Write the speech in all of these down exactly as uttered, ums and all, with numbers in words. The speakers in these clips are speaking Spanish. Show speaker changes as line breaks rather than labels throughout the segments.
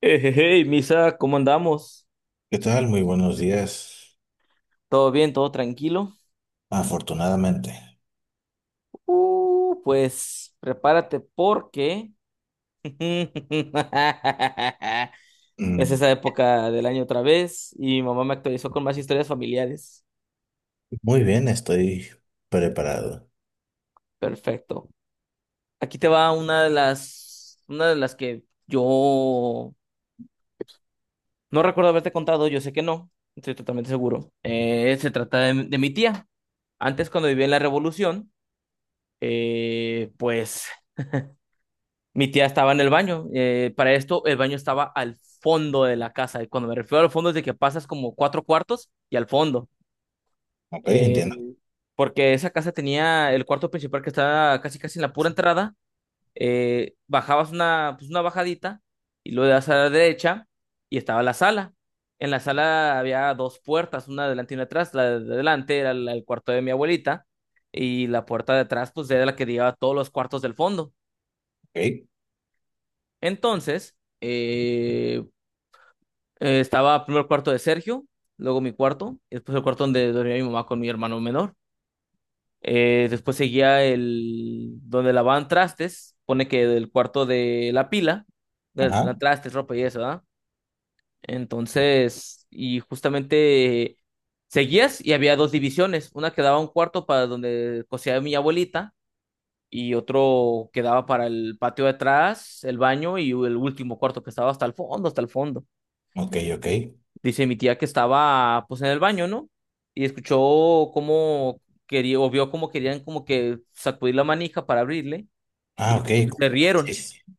Eh, Hey, hey, Misa, ¿cómo andamos?
¿Qué tal? Muy buenos días.
¿Todo bien? ¿Todo tranquilo?
Afortunadamente.
Uh, pues prepárate porque es
Mm,
esa época del año otra vez y mi mamá me actualizó con más historias familiares.
muy bien, estoy preparado.
Perfecto. Aquí te va una de las, una de las que yo no recuerdo haberte contado, yo sé que no, estoy totalmente seguro. Eh, se trata de de mi tía. Antes, cuando vivía en la Revolución, eh, pues mi tía estaba en el baño. Eh, para esto, el baño estaba al fondo de la casa. Y cuando me refiero al fondo es de que pasas como cuatro cuartos y al fondo.
Ok,
Eh,
entiendo.
Porque esa casa tenía el cuarto principal que estaba casi casi en la pura entrada. Eh, bajabas una, pues una bajadita y luego das a la derecha y estaba la sala. En la sala había dos puertas, una adelante y una atrás. La de adelante era la- el cuarto de mi abuelita y la puerta de atrás pues era la que llevaba a todos los cuartos del fondo.
Ok.
Entonces, eh, Eh, estaba primero cuarto de Sergio, luego mi cuarto, y después el cuarto donde dormía mi mamá con mi hermano menor. Eh, después seguía el donde lavaban trastes, pone que del cuarto de la pila, de la
Ajá.
trastes, ropa y eso, ¿verdad? Entonces, y justamente seguías y había dos divisiones, una que daba un cuarto para donde cosía mi abuelita y otro que daba para el patio de atrás, el baño y el último cuarto que estaba hasta el fondo, hasta el fondo.
Ok, ok.
Dice mi tía que estaba pues en el baño, ¿no? Y escuchó cómo quería, o vio cómo querían como que sacudir la manija para abrirle, y
Ah, ok.
escuchó que se
Sí, sí,
rieron.
sí.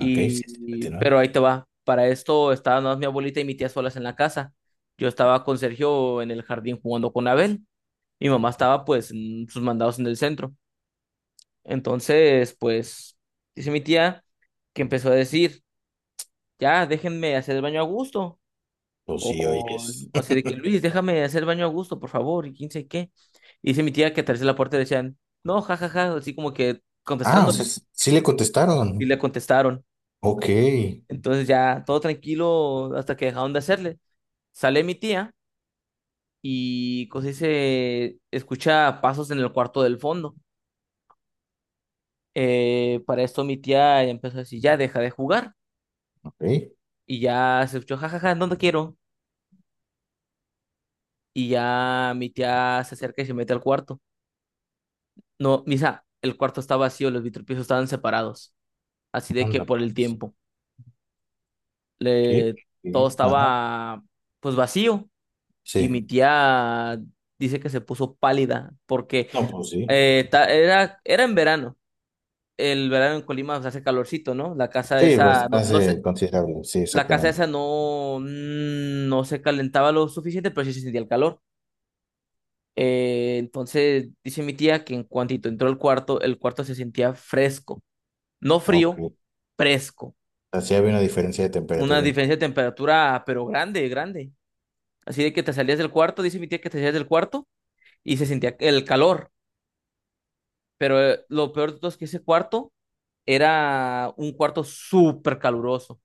Ok, sí, sí,
y-
continúa.
pero ahí te va. Para esto estaban nada más mi abuelita y mi tía solas en la casa. Yo estaba con Sergio en el jardín jugando con Abel. Mi mamá estaba pues en sus mandados en el centro. Entonces, pues, dice mi tía que empezó a decir, ya, déjenme hacer el baño a gusto.
Pues sí, oye,
O,
es.
o sea, de que Luis, déjame hacer baño a gusto, por favor, y quién sabe qué. Y dice mi tía que atrás de la puerta decían, no, jajaja, ja, ja", así como que
Ah, o
contestándole.
sea, s- sí le
Y
contestaron.
le contestaron.
Ok,
Entonces ya todo tranquilo hasta que dejaron de hacerle. Sale mi tía y cosa dice, escucha pasos en el cuarto del fondo. Eh, para esto mi tía ya empezó a decir, ya deja de jugar.
ok.
Y ya se escuchó, jajaja, ja, ja, ja, no te quiero. Y ya mi tía se acerca y se mete al cuarto. No, Misa, el cuarto está vacío, los vitropisos estaban separados. Así de que
Anda,
por el
pues.
tiempo.
¿Qué?
Le... Todo
¿Qué? Ajá.
estaba pues vacío. Y mi
Sí.
tía dice que se puso pálida porque
No, pues sí.
eh, ta- era, era en verano. El verano en Colima pues, hace calorcito, ¿no? La casa
Sí, bas-
esa, no, no se,
hace considerable. Sí,
la casa
exactamente.
esa no, mm, no se calentaba lo suficiente, pero sí se sentía el calor. Eh, entonces dice mi tía que en cuantito entró al cuarto, el cuarto se sentía fresco, no
Ok.
frío, fresco.
Así había una diferencia de
Una
temperatura
diferencia de
importante.
temperatura, pero grande, grande. Así de que te salías del cuarto, dice mi tía que te salías del cuarto y se sentía el calor. Pero eh, lo peor de todo es que ese cuarto era un cuarto súper caluroso,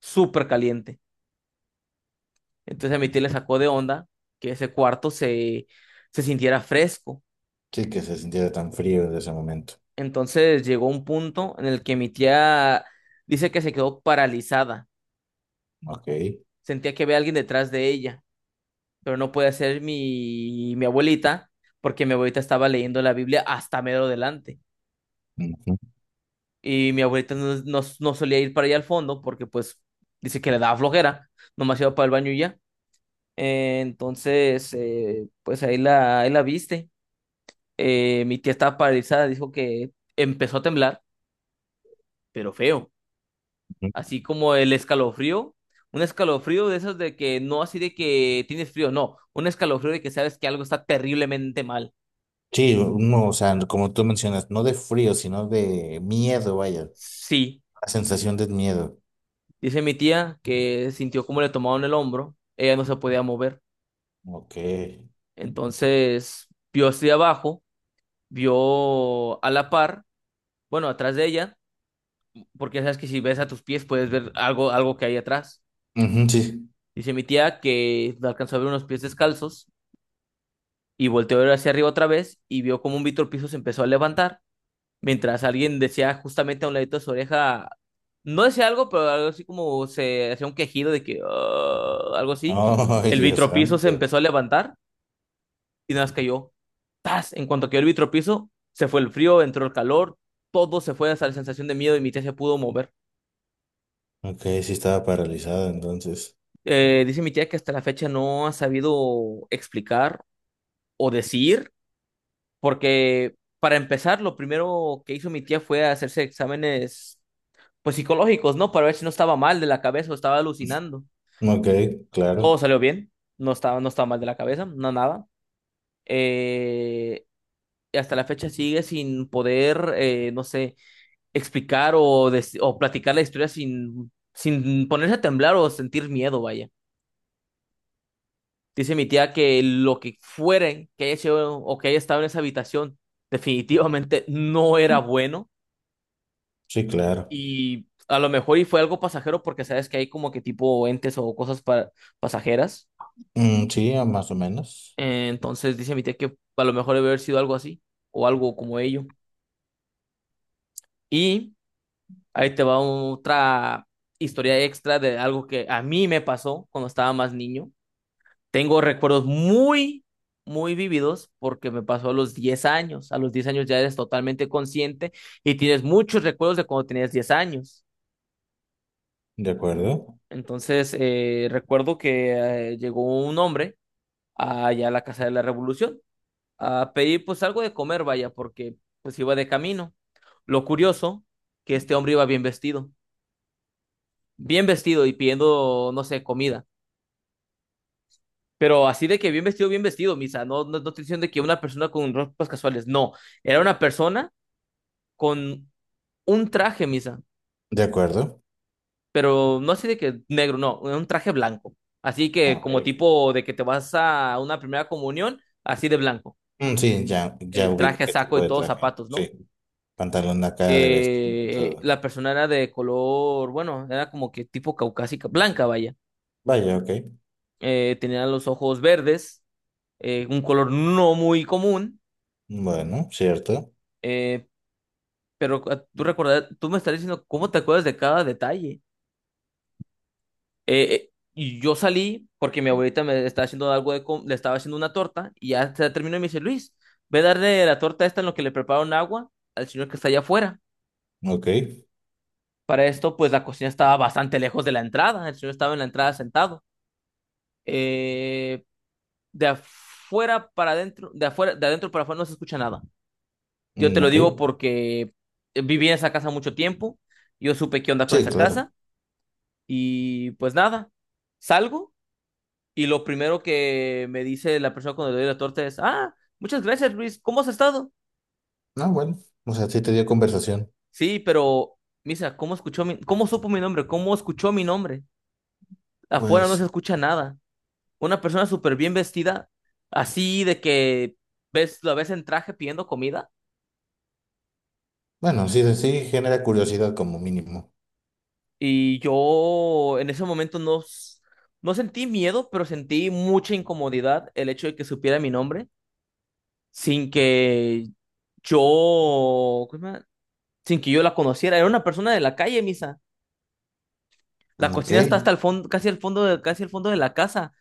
súper caliente. Entonces a mi tía le sacó de onda que ese cuarto se, se sintiera fresco.
Sí, que se sintiera tan frío en ese momento.
Entonces llegó un punto en el que mi tía dice que se quedó paralizada.
Ok.
Sentía que había alguien detrás de ella, pero no puede ser mi, mi abuelita, porque mi abuelita estaba leyendo la Biblia hasta medio delante.
Ujú,
Y mi abuelita no, no, no solía ir para allá al fondo, porque pues dice que le daba flojera, nomás iba para el baño y ya. Eh, entonces, eh, pues ahí la, ahí la viste. Eh, mi tía estaba paralizada, dijo que empezó a temblar, pero feo.
ujú.
Así como el escalofrío, un escalofrío de esos de que no así de que tienes frío, no, un escalofrío de que sabes que algo está terriblemente mal.
Sí, no, o sea, como tú mencionas, no de frío, sino de miedo, vaya.
Sí.
La sensación de miedo.
Dice mi tía que sintió como le tomaron el hombro, ella no se podía mover.
Ok. Ujú,
Entonces vio hacia abajo, vio a la par, bueno, atrás de ella, porque ya sabes que si ves a tus pies puedes ver algo, algo que hay atrás.
sí.
Dice mi tía que alcanzó a ver unos pies descalzos y volteó a ver hacia arriba otra vez y vio como un Víctor Piso se empezó a levantar, mientras alguien decía justamente a un ladito de su oreja, no decía algo, pero algo así como se hacía un quejido de que "Ah", algo así.
Oh, ay,
El
Dios
vitropiso se
santo.
empezó a levantar y nada más cayó. ¡Tas! En cuanto cayó el vitropiso, se fue el frío, entró el calor, todo se fue hasta la sensación de miedo y mi tía se pudo mover.
Ok, sí estaba paralizada entonces.
Eh, dice mi tía que hasta la fecha no ha sabido explicar o decir, porque para empezar, lo primero que hizo mi tía fue hacerse exámenes pues psicológicos, ¿no? Para ver si no estaba mal de la cabeza o estaba alucinando.
Ok,
Todo
claro.
salió bien, no estaba, no estaba mal de la cabeza, no nada. Eh, y hasta la fecha sigue sin poder, eh, no sé explicar o, des- o platicar la historia sin, sin ponerse a temblar o sentir miedo, vaya. Dice mi tía que lo que fueren que haya sido o que haya estado en esa habitación definitivamente no era bueno
Sí, claro.
y a lo mejor y fue algo pasajero porque sabes que hay como que tipo entes o cosas pa- pasajeras.
Mm, sí, más o menos.
Eh, Entonces dice mi tía que a lo mejor debe haber sido algo así o algo como ello. Y ahí te va otra historia extra de algo que a mí me pasó cuando estaba más niño. Tengo recuerdos muy, muy vividos porque me pasó a los diez años. A los diez años ya eres totalmente consciente y tienes muchos recuerdos de cuando tenías diez años.
De acuerdo.
Entonces, eh, recuerdo que eh, llegó un hombre allá a la Casa de la Revolución a pedir pues algo de comer, vaya, porque pues iba de camino. Lo curioso, que este hombre iba bien vestido, bien vestido y pidiendo, no sé, comida. Pero así de que bien vestido, bien vestido, Misa. No, no, no estoy diciendo de que una persona con ropas casuales. No, era una persona con un traje, Misa.
De acuerdo.
Pero no así de que negro, no, un traje blanco. Así
Ah,
que
ok,
como
ok.
tipo de que te vas a una primera comunión, así de blanco.
Mm, sí, ya, ya
El
ubico
traje,
qué
saco
tipo
y
de
todos
traje.
zapatos, ¿no?
Sí. Pantalón acá de vestir y
Eh,
todo.
la persona era de color, bueno, era como que tipo caucásica, blanca, vaya.
Vaya, ok.
Eh, tenía los ojos verdes, eh, un color no muy común.
Bueno, cierto.
eh, Pero ah, tú recordar, tú me estás diciendo cómo te acuerdas de cada detalle. Eh, eh, y yo salí porque mi abuelita me estaba haciendo algo de com- le estaba haciendo una torta y ya se terminó y me dice, Luis, ve a darle la torta esta en lo que le prepararon agua al señor que está allá afuera.
Ok.
Para esto, pues la cocina estaba bastante lejos de la entrada. El señor estaba en la entrada sentado. Eh, de afuera para adentro, de afuera, de adentro para afuera no se escucha nada. Yo te
Mm,
lo
ok,
digo porque eh, viví en esa casa mucho tiempo. Yo supe qué onda con
sí,
esa
claro.
casa. Y pues nada, salgo y lo primero que me dice la persona cuando le doy la torta es, ah, muchas gracias Luis, ¿cómo has estado?
No, bueno, o sea, sí te dio conversación.
Sí, pero Misa, ¿cómo escuchó mi, cómo supo mi nombre? ¿Cómo escuchó mi nombre? Afuera no se
Pues,
escucha nada. Una persona súper bien vestida, así de que ves, la ves en traje pidiendo comida
bueno, sí, sí genera curiosidad como mínimo.
y yo en ese momento no, s- no sentí miedo, pero sentí mucha incomodidad el hecho de que supiera mi nombre sin que yo, ¿cómo se llama? Sin que yo la conociera. Era una persona de la calle, misa. La
Mm, ok,
cocina está hasta el fondo, casi al fondo de, casi al fondo de la casa.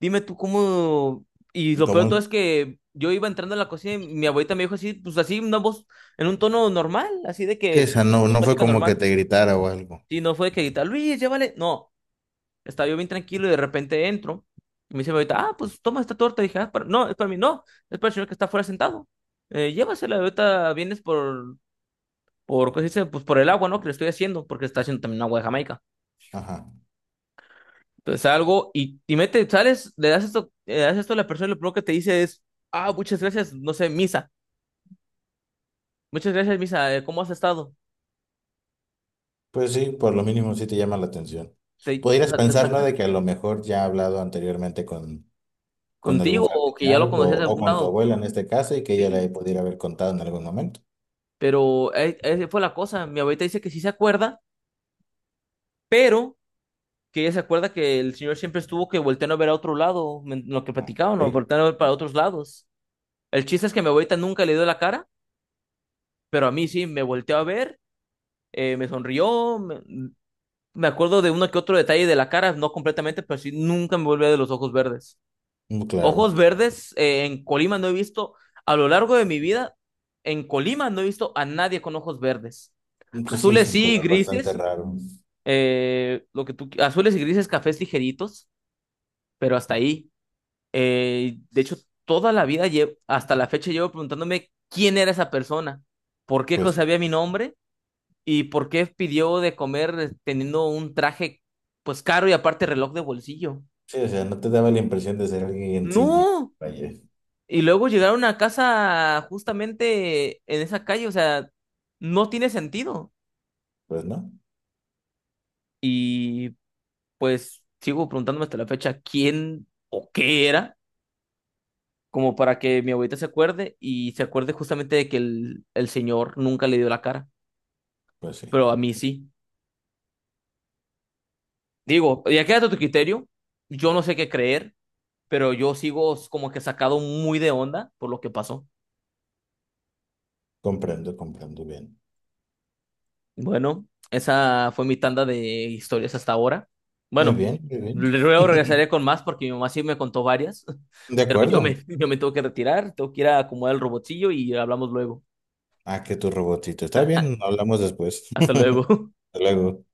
Dime tú cómo. Y lo peor de todo
como,
es que yo iba entrando a la cocina y mi abuelita me dijo así, pues así, una voz, en un tono normal, así de
sí,
que,
esa no,
una
no fue
plática
como que
normal.
te gritara o algo.
Y no fue de que grita, Luis, llévale. No, estaba yo bien tranquilo y de repente entro. Y me dice mi abuelita, ah, pues toma esta torta. Y dije, ah, para- no, es para mí, no, es para el señor que está afuera sentado. Eh, llévasela, ahorita vienes por, por, ¿cómo se dice? Pues por el agua, ¿no? Que le estoy haciendo, porque está haciendo también agua de Jamaica.
Ajá.
Entonces algo y, y mete, sales, le das esto, le das esto a la persona y lo primero que te dice es, ah, muchas gracias, no sé, Misa. Muchas gracias, Misa, eh, ¿cómo has estado?
Pues sí, por lo mínimo sí te llama la atención.
Te, o
Podrías
sea, te
pensar, ¿no?
saca
De que a lo mejor ya ha hablado anteriormente con, con algún
contigo o que ya lo
familiar o,
conocías de
o
algún
con tu
lado.
abuela en este caso y que ella
Sí,
le pudiera haber contado en algún momento.
pero eh, esa fue la cosa. Mi abuelita dice que sí se acuerda, pero que ella se acuerda que el señor siempre estuvo que volteando a ver a otro lado, en lo que platicaban, o
Ok,
volteando a ver para otros lados. El chiste es que mi abuelita nunca le dio la cara, pero a mí sí me volteó a ver eh, me sonrió, me, me acuerdo de uno que otro detalle de la cara, no completamente, pero sí, nunca me volví de los ojos verdes.
mm,
Ojos
claro.
verdes eh, en Colima no he visto, a lo largo de mi vida, en Colima no he visto a nadie con ojos verdes.
Pues sí, es
Azules
un
sí,
color bastante
grises,
raro.
eh, lo que tú, qui- azules y grises, cafés ligeritos, pero hasta ahí. Eh, de hecho, toda la vida, lle- hasta la fecha, llevo preguntándome quién era esa persona, por qué
Pues
co-
sí.
sabía mi nombre. ¿Y por qué pidió de comer eh, teniendo un traje pues caro y aparte reloj de bolsillo?
Sí, o sea, no te daba la impresión de ser alguien sin dinero.
No.
Vaya,
Y luego llegaron a casa justamente en esa calle, o sea, no tiene sentido.
pues no,
Y pues sigo preguntándome hasta la fecha quién o qué era, como para que mi abuelita se acuerde y se acuerde justamente de que el, el señor nunca le dio la cara,
pues sí,
pero a mí sí. Digo, ya queda a tu criterio, yo no sé qué creer, pero yo sigo como que sacado muy de onda por lo que pasó.
comprendo, comprendo bien.
Bueno, esa fue mi tanda de historias hasta ahora.
Muy
Bueno,
bien, muy bien.
luego regresaré con más porque mi mamá sí me contó varias,
De
pero yo me,
acuerdo.
yo me tengo que retirar, tengo que ir a acomodar el robotillo y hablamos luego.
Ah, que tu robotito. Está bien, hablamos después.
Hasta luego.
Hasta luego.